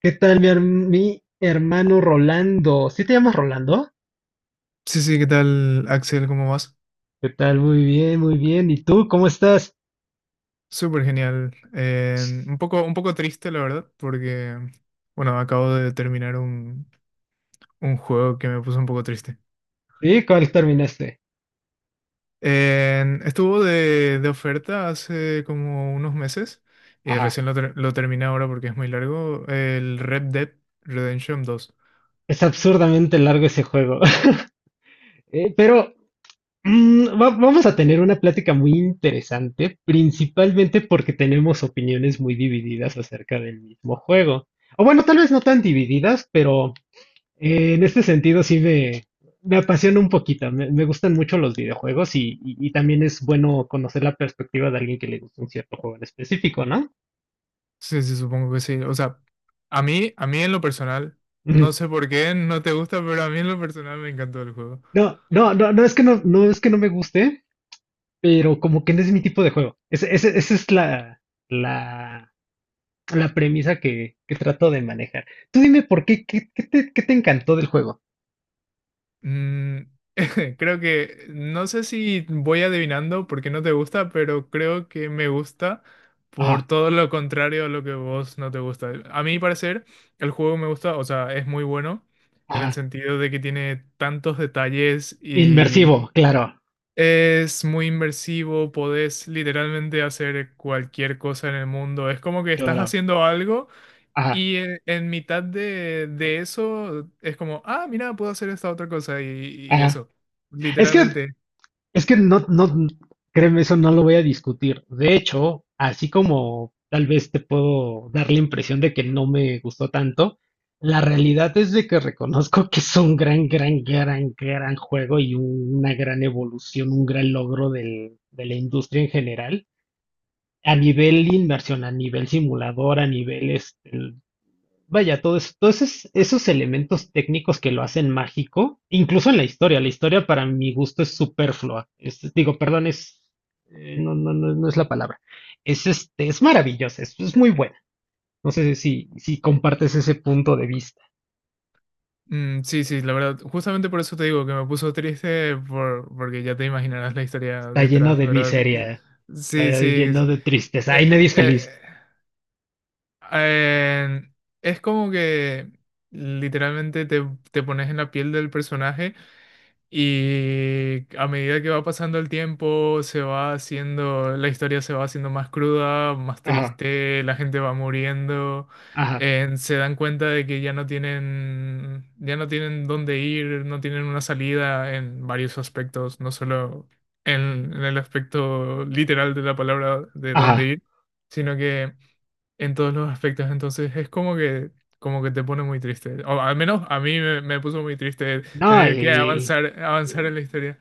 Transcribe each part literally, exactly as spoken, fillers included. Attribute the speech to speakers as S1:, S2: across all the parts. S1: ¿Qué tal mi, her- mi hermano Rolando? ¿Sí te llamas Rolando?
S2: Sí, sí, ¿qué tal, Axel? ¿Cómo vas?
S1: ¿Qué tal? Muy bien, muy bien. ¿Y tú cómo estás?
S2: Súper genial. Eh, un poco, un poco triste, la verdad, porque, bueno, acabo de terminar un, un juego que me puso un poco triste.
S1: ¿Sí? ¿Cuál terminaste?
S2: Eh, estuvo de, de oferta hace como unos meses y
S1: Ajá.
S2: recién lo, ter- lo terminé ahora porque es muy largo, el Red Dead Redemption dos.
S1: Es absurdamente largo ese juego. Eh, pero mm, va- vamos a tener una plática muy interesante, principalmente porque tenemos opiniones muy divididas acerca del mismo juego. O bueno, tal vez no tan divididas, pero Eh, en este sentido, sí me, me apasiona un poquito. Me, me gustan mucho los videojuegos y, y- y también es bueno conocer la perspectiva de alguien que le gusta un cierto juego en específico, ¿no?
S2: Sí, sí, supongo que sí. O sea, a mí, a mí en lo personal, no
S1: Ujú.
S2: sé por qué no te gusta, pero a mí en lo personal me encantó el juego.
S1: No, no, no, no es que no, no es que no me guste, pero como que no es mi tipo de juego. Ese- ese- Esa es la, la, la premisa que, que trato de manejar. Tú dime por qué, qué, qué te, qué te encantó del juego.
S2: Mm, Creo que no sé si voy adivinando porque no te gusta, pero creo que me gusta por
S1: Ajá,
S2: todo lo contrario a lo que vos no te gusta. A mi parecer, el juego me gusta, o sea, es muy bueno en el
S1: ajá.
S2: sentido de que tiene tantos detalles y
S1: Inmersivo, claro,
S2: es muy inmersivo, podés literalmente hacer cualquier cosa en el mundo. Es como que estás
S1: claro.
S2: haciendo algo.
S1: Ajá,
S2: Y en, en mitad de, de eso es como, ah, mira, puedo hacer esta otra cosa y, y
S1: ajá.
S2: eso.
S1: Es que
S2: Literalmente.
S1: Es que no, no, créeme, eso no lo voy a discutir. De hecho, así como tal vez te puedo dar la impresión de que no me gustó tanto, la realidad es de que reconozco que es un gran, gran, gran, gran juego y un- una gran evolución, un gran logro del- de la industria en general, a nivel inmersión, a nivel simulador, a nivel este, vaya, todos, todos esos, esos elementos técnicos que lo hacen mágico, incluso en la historia. La historia para mi gusto es superflua. Es- digo, perdón, es, eh, no, no, no, no es la palabra. Es este, es maravillosa, es, es muy buena. No sé si, si compartes ese punto de vista.
S2: Mm, sí, sí, la verdad. Justamente por eso te digo que me puso triste por, porque ya te imaginarás la historia
S1: Está lleno
S2: detrás,
S1: de
S2: ¿verdad?
S1: miseria,
S2: Sí,
S1: está
S2: sí,
S1: lleno
S2: sí.
S1: de tristeza.
S2: Eh,
S1: Ay, nadie es
S2: eh,
S1: feliz.
S2: eh, es como que literalmente te, te pones en la piel del personaje. Y a medida que va pasando el tiempo, se va haciendo, la historia se va haciendo más cruda, más
S1: Ajá,
S2: triste, la gente va muriendo,
S1: ajá,
S2: eh, se dan cuenta de que ya no tienen, ya no tienen dónde ir, no tienen una salida en varios aspectos, no solo en, en el aspecto literal de la palabra de dónde
S1: ajá.
S2: ir, sino que en todos los aspectos. Entonces es como que, como que te pone muy triste. O al menos a mí me, me puso muy triste
S1: No,
S2: tener que
S1: y,
S2: avanzar, avanzar en la historia.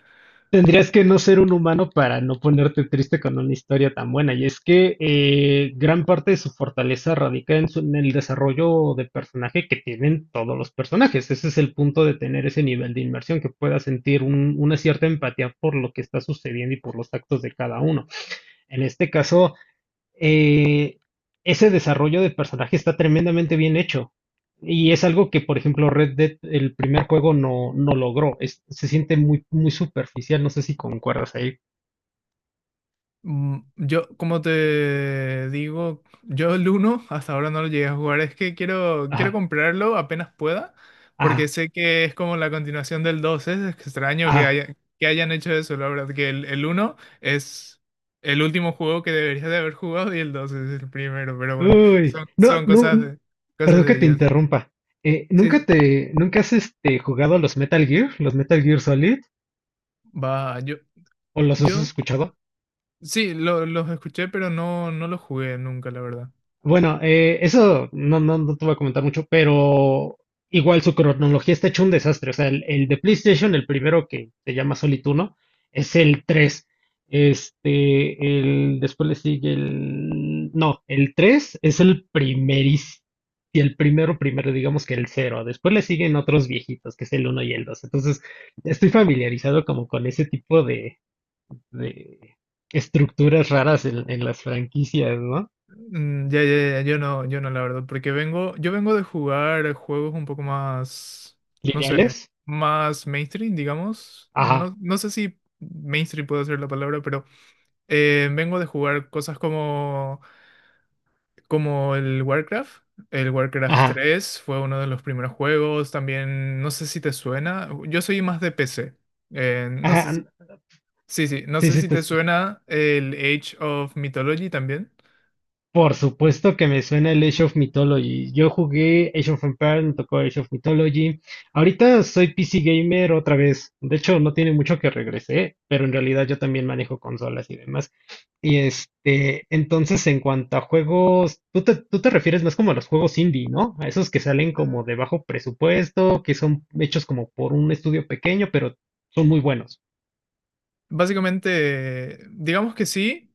S1: Tendrías que no ser un humano para no ponerte triste con una historia tan buena. Y es que eh, gran parte de su fortaleza radica en, su- en el desarrollo de personaje que tienen todos los personajes. Ese es el punto de tener ese nivel de inmersión, que puedas sentir un- una cierta empatía por lo que está sucediendo y por los actos de cada uno. En este caso, eh, ese desarrollo de personaje está tremendamente bien hecho. Y es algo que, por ejemplo, Red Dead, el primer juego, no, no logró. Es- se siente muy, muy superficial. No sé si concuerdas ahí.
S2: Mm, Yo, como te digo, yo el uno hasta ahora no lo llegué a jugar. Es que quiero, quiero
S1: Ajá,
S2: comprarlo apenas pueda, porque
S1: ajá,
S2: sé que es como la continuación del dos. Es extraño que
S1: ajá.
S2: haya, que hayan hecho eso, la verdad, que el, el uno es el último juego que deberías de haber jugado y el dos es el primero, pero bueno,
S1: Uy.
S2: son,
S1: No,
S2: son
S1: no,
S2: cosas
S1: n-
S2: de, cosas
S1: perdón que
S2: de
S1: te
S2: ellos.
S1: interrumpa. Eh,
S2: Sí,
S1: ¿nunca
S2: sí.
S1: te, nunca has este, jugado a los Metal Gear, los Metal Gear Solid?
S2: Va, yo,
S1: ¿O los has
S2: yo,
S1: escuchado?
S2: sí, lo- los escuché, pero no, no los jugué nunca, la verdad.
S1: Bueno, eh, eso no, no, no te voy a comentar mucho, pero igual su cronología está hecho un desastre. O sea, el, el de PlayStation, el primero que se llama Solituno, es el tres. Este, el, después le sigue el... No, el tres es el primeris, y el primero, primero, digamos que el cero. Después le siguen otros viejitos, que es el uno y el dos. Entonces, estoy familiarizado como con ese tipo de, de estructuras raras en, en las franquicias, ¿no?
S2: Mm, ya, ya, ya, yo no, yo no, la verdad, porque vengo, yo vengo de jugar juegos un poco más, no sé,
S1: Lineales.
S2: más mainstream, digamos.
S1: Ajá,
S2: No, no sé si mainstream puedo ser la palabra, pero eh, vengo de jugar cosas como, como el Warcraft. El Warcraft
S1: ajá,
S2: tres fue uno de los primeros juegos, también, no sé si te suena, yo soy más de P C. Eh, no
S1: ajá.
S2: sé
S1: n-
S2: si, Sí, sí, no
S1: Sí,
S2: sé
S1: sí,
S2: si
S1: te
S2: te
S1: escucho.
S2: suena el Age of Mythology también.
S1: Por supuesto que me suena el Age of Mythology. Yo jugué Age of Empires, me tocó Age of Mythology. Ahorita soy P C gamer otra vez. De hecho, no tiene mucho que regresé, pero en realidad yo también manejo consolas y demás. Y este, entonces en cuanto a juegos, tú te, tú te refieres más como a los juegos indie, ¿no? A esos que salen como de bajo presupuesto, que son hechos como por un estudio pequeño, pero son muy buenos.
S2: Básicamente, digamos que sí,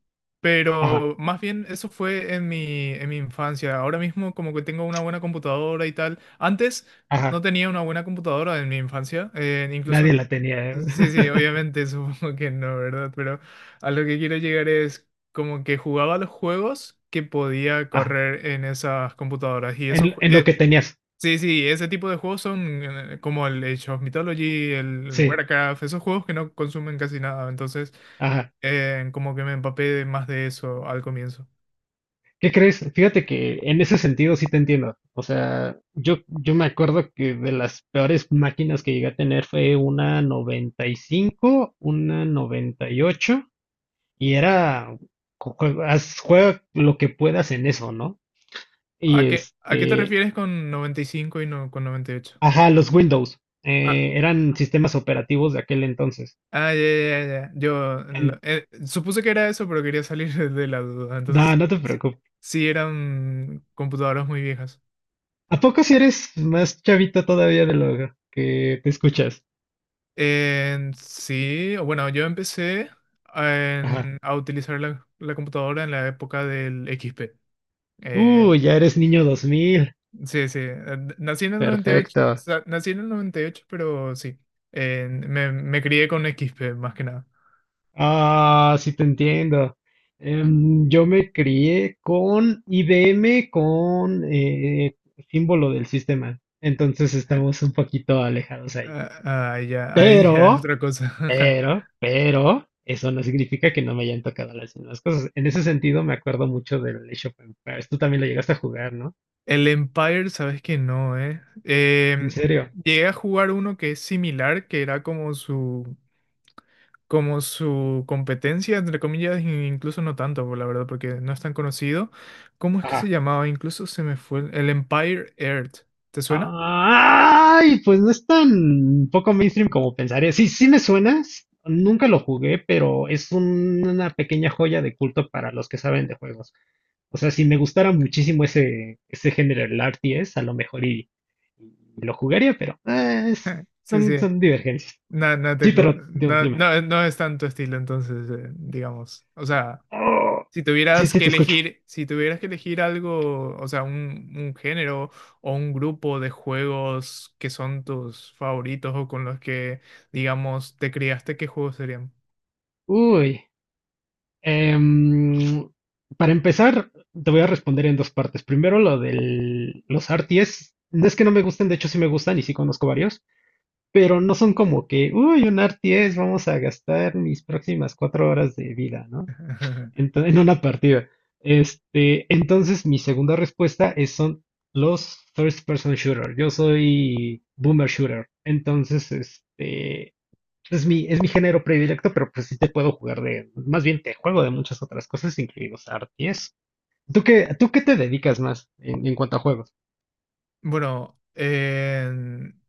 S1: Ajá,
S2: pero más bien eso fue en mi, en mi infancia. Ahora mismo como que tengo una buena computadora y tal. Antes no
S1: ajá.
S2: tenía una buena computadora en mi infancia. Eh,
S1: Nadie
S2: incluso,
S1: la tenía.
S2: sí, sí, obviamente supongo que no, ¿verdad? Pero a lo que quiero llegar es como que jugaba los juegos que podía
S1: Ajá,
S2: correr en esas computadoras. Y esos,
S1: en,
S2: ju-
S1: en lo
S2: eh,
S1: que tenías.
S2: Sí, sí, ese tipo de juegos son eh, como el Age of Mythology, el
S1: Sí,
S2: Warcraft, esos juegos que no consumen casi nada, entonces
S1: ajá.
S2: eh, como que me empapé de más de eso al comienzo.
S1: ¿Qué crees? Fíjate que en ese sentido sí te entiendo. O sea, yo, yo me acuerdo que de las peores máquinas que llegué a tener fue una noventa y cinco, una noventa y ocho, y ocho, y era, co- jue- haz- juega lo que puedas en eso, ¿no? Y
S2: ¿A qué, a qué te
S1: este,
S2: refieres con noventa y cinco y no con noventa y ocho?
S1: ajá, los Windows,
S2: Ah,
S1: eh, eran sistemas operativos de aquel entonces.
S2: ah, ya, ya, ya, ya. Yo lo-
S1: En-
S2: eh, supuse que era eso, pero quería salir de la duda. Entonces
S1: no,
S2: sí,
S1: no te
S2: sí,
S1: preocupes.
S2: sí eran computadoras muy viejas.
S1: ¿A poco si eres más chavita todavía de lo que te escuchas?
S2: En sí, o bueno, yo empecé a,
S1: Ajá.
S2: en- a utilizar la, la computadora en la época del X P.
S1: Uh,
S2: Eh,
S1: ya eres niño dos mil.
S2: sí, sí, eh, nací en el noventa y ocho, o
S1: Perfecto.
S2: sea, nací en el noventa y ocho, pero sí, en- me, me crié con x XP más que nada.
S1: Ah, sí te entiendo. Em, yo me crié con I B M con eh, símbolo del sistema. Entonces estamos un poquito alejados ahí.
S2: Ah, ah, ya, ahí ya es
S1: Pero,
S2: otra cosa.
S1: pero, pero, eso no significa que no me hayan tocado las mismas cosas. En ese sentido, me acuerdo mucho del Age of Empires. Tú también lo llegaste a jugar, ¿no?
S2: El Empire, sabes que no, ¿eh?
S1: En
S2: Em,
S1: serio.
S2: llegué a jugar uno que es similar, que era como su... como su competencia, entre comillas, e incluso no tanto, por la verdad, porque no es tan conocido. ¿Cómo es que se llamaba? Incluso se me fue el el Empire Earth. ¿Te suena?
S1: Ay, pues no es tan poco mainstream como pensaría. Sí, sí me suena. s- Nunca lo jugué, pero es un- una pequeña joya de culto para los que saben de juegos. O sea, si me gustara muchísimo ese, ese género, el R T S, a lo mejor y, y lo jugaría, pero eh, es-
S2: Sí,
S1: son,
S2: sí.
S1: son divergencias.
S2: No, no,
S1: Sí,
S2: te cu-
S1: pero di-
S2: no,
S1: dime.
S2: no, no es tanto estilo, entonces, eh, digamos. O sea,
S1: Oh,
S2: si
S1: sí,
S2: tuvieras
S1: sí,
S2: que
S1: te escucho.
S2: elegir, si tuvieras que elegir algo, o sea, un, un género o un grupo de juegos que son tus favoritos o con los que, digamos, te criaste, ¿qué juegos serían?
S1: Uy. Em, para empezar, te voy a responder en dos partes. Primero, lo de los R T S. No es que no me gusten, de hecho sí me gustan y sí conozco varios, pero no son como que, uy, un R T S, vamos a gastar mis próximas cuatro horas de vida, ¿no? Ento- en una partida. Este, entonces, mi segunda respuesta es, son los first person shooter. Yo soy boomer shooter. Entonces, este, es mi, es mi género predilecto, pero pues sí te puedo jugar de, más bien te juego de muchas otras cosas, incluidos arties. ¿Tú qué, tú qué te dedicas más en, en cuanto a juegos?
S2: Bueno, eh,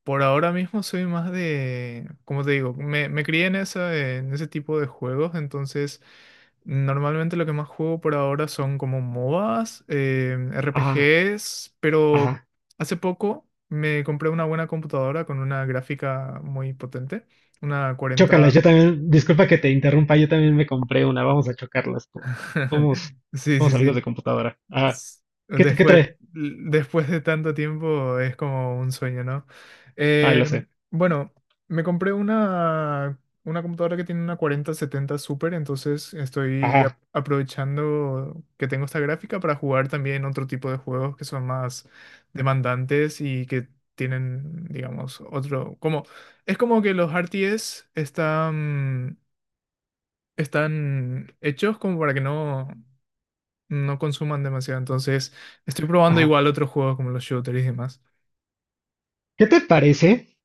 S2: por ahora mismo soy más de, como te digo, me, me crié en esa, en ese tipo de juegos, entonces normalmente lo que más juego por ahora son como MOBAs, eh,
S1: Ajá,
S2: R P Gs, pero
S1: ajá.
S2: hace poco me compré una buena computadora con una gráfica muy potente, una cuarenta,
S1: Chócalas, yo también, disculpa que te interrumpa, yo también me compré una, vamos a chocarlas por. Somos,
S2: Sí,
S1: somos
S2: sí,
S1: amigos
S2: sí.
S1: de computadora. Ajá.
S2: s-
S1: ¿Qué, te- qué
S2: Después,
S1: trae?
S2: después de tanto tiempo es como un sueño, ¿no?
S1: Ah,
S2: Eh,
S1: lo sé.
S2: bueno, me compré una, una computadora que tiene una cuarenta setenta Super, entonces estoy ap-
S1: Ajá,
S2: aprovechando que tengo esta gráfica para jugar también otro tipo de juegos que son más demandantes y que tienen, digamos, otro... como, es como que los R T S están, están hechos como para que no no consuman demasiado. Entonces, estoy probando
S1: ajá.
S2: igual otros juegos como los shooters y demás.
S1: ¿Qué te parece?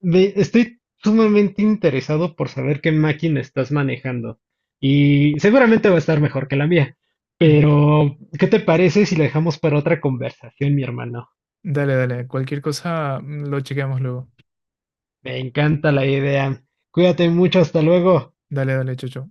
S1: Ve, estoy sumamente interesado por saber qué máquina estás manejando. Y seguramente va a estar mejor que la mía.
S2: Ujú.
S1: Pero, ¿qué te parece si la dejamos para otra conversación, mi hermano?
S2: Dale, dale. Cualquier cosa, mm, lo chequeamos luego.
S1: Me encanta la idea. Cuídate mucho, hasta luego.
S2: Dale, dale, Chocho.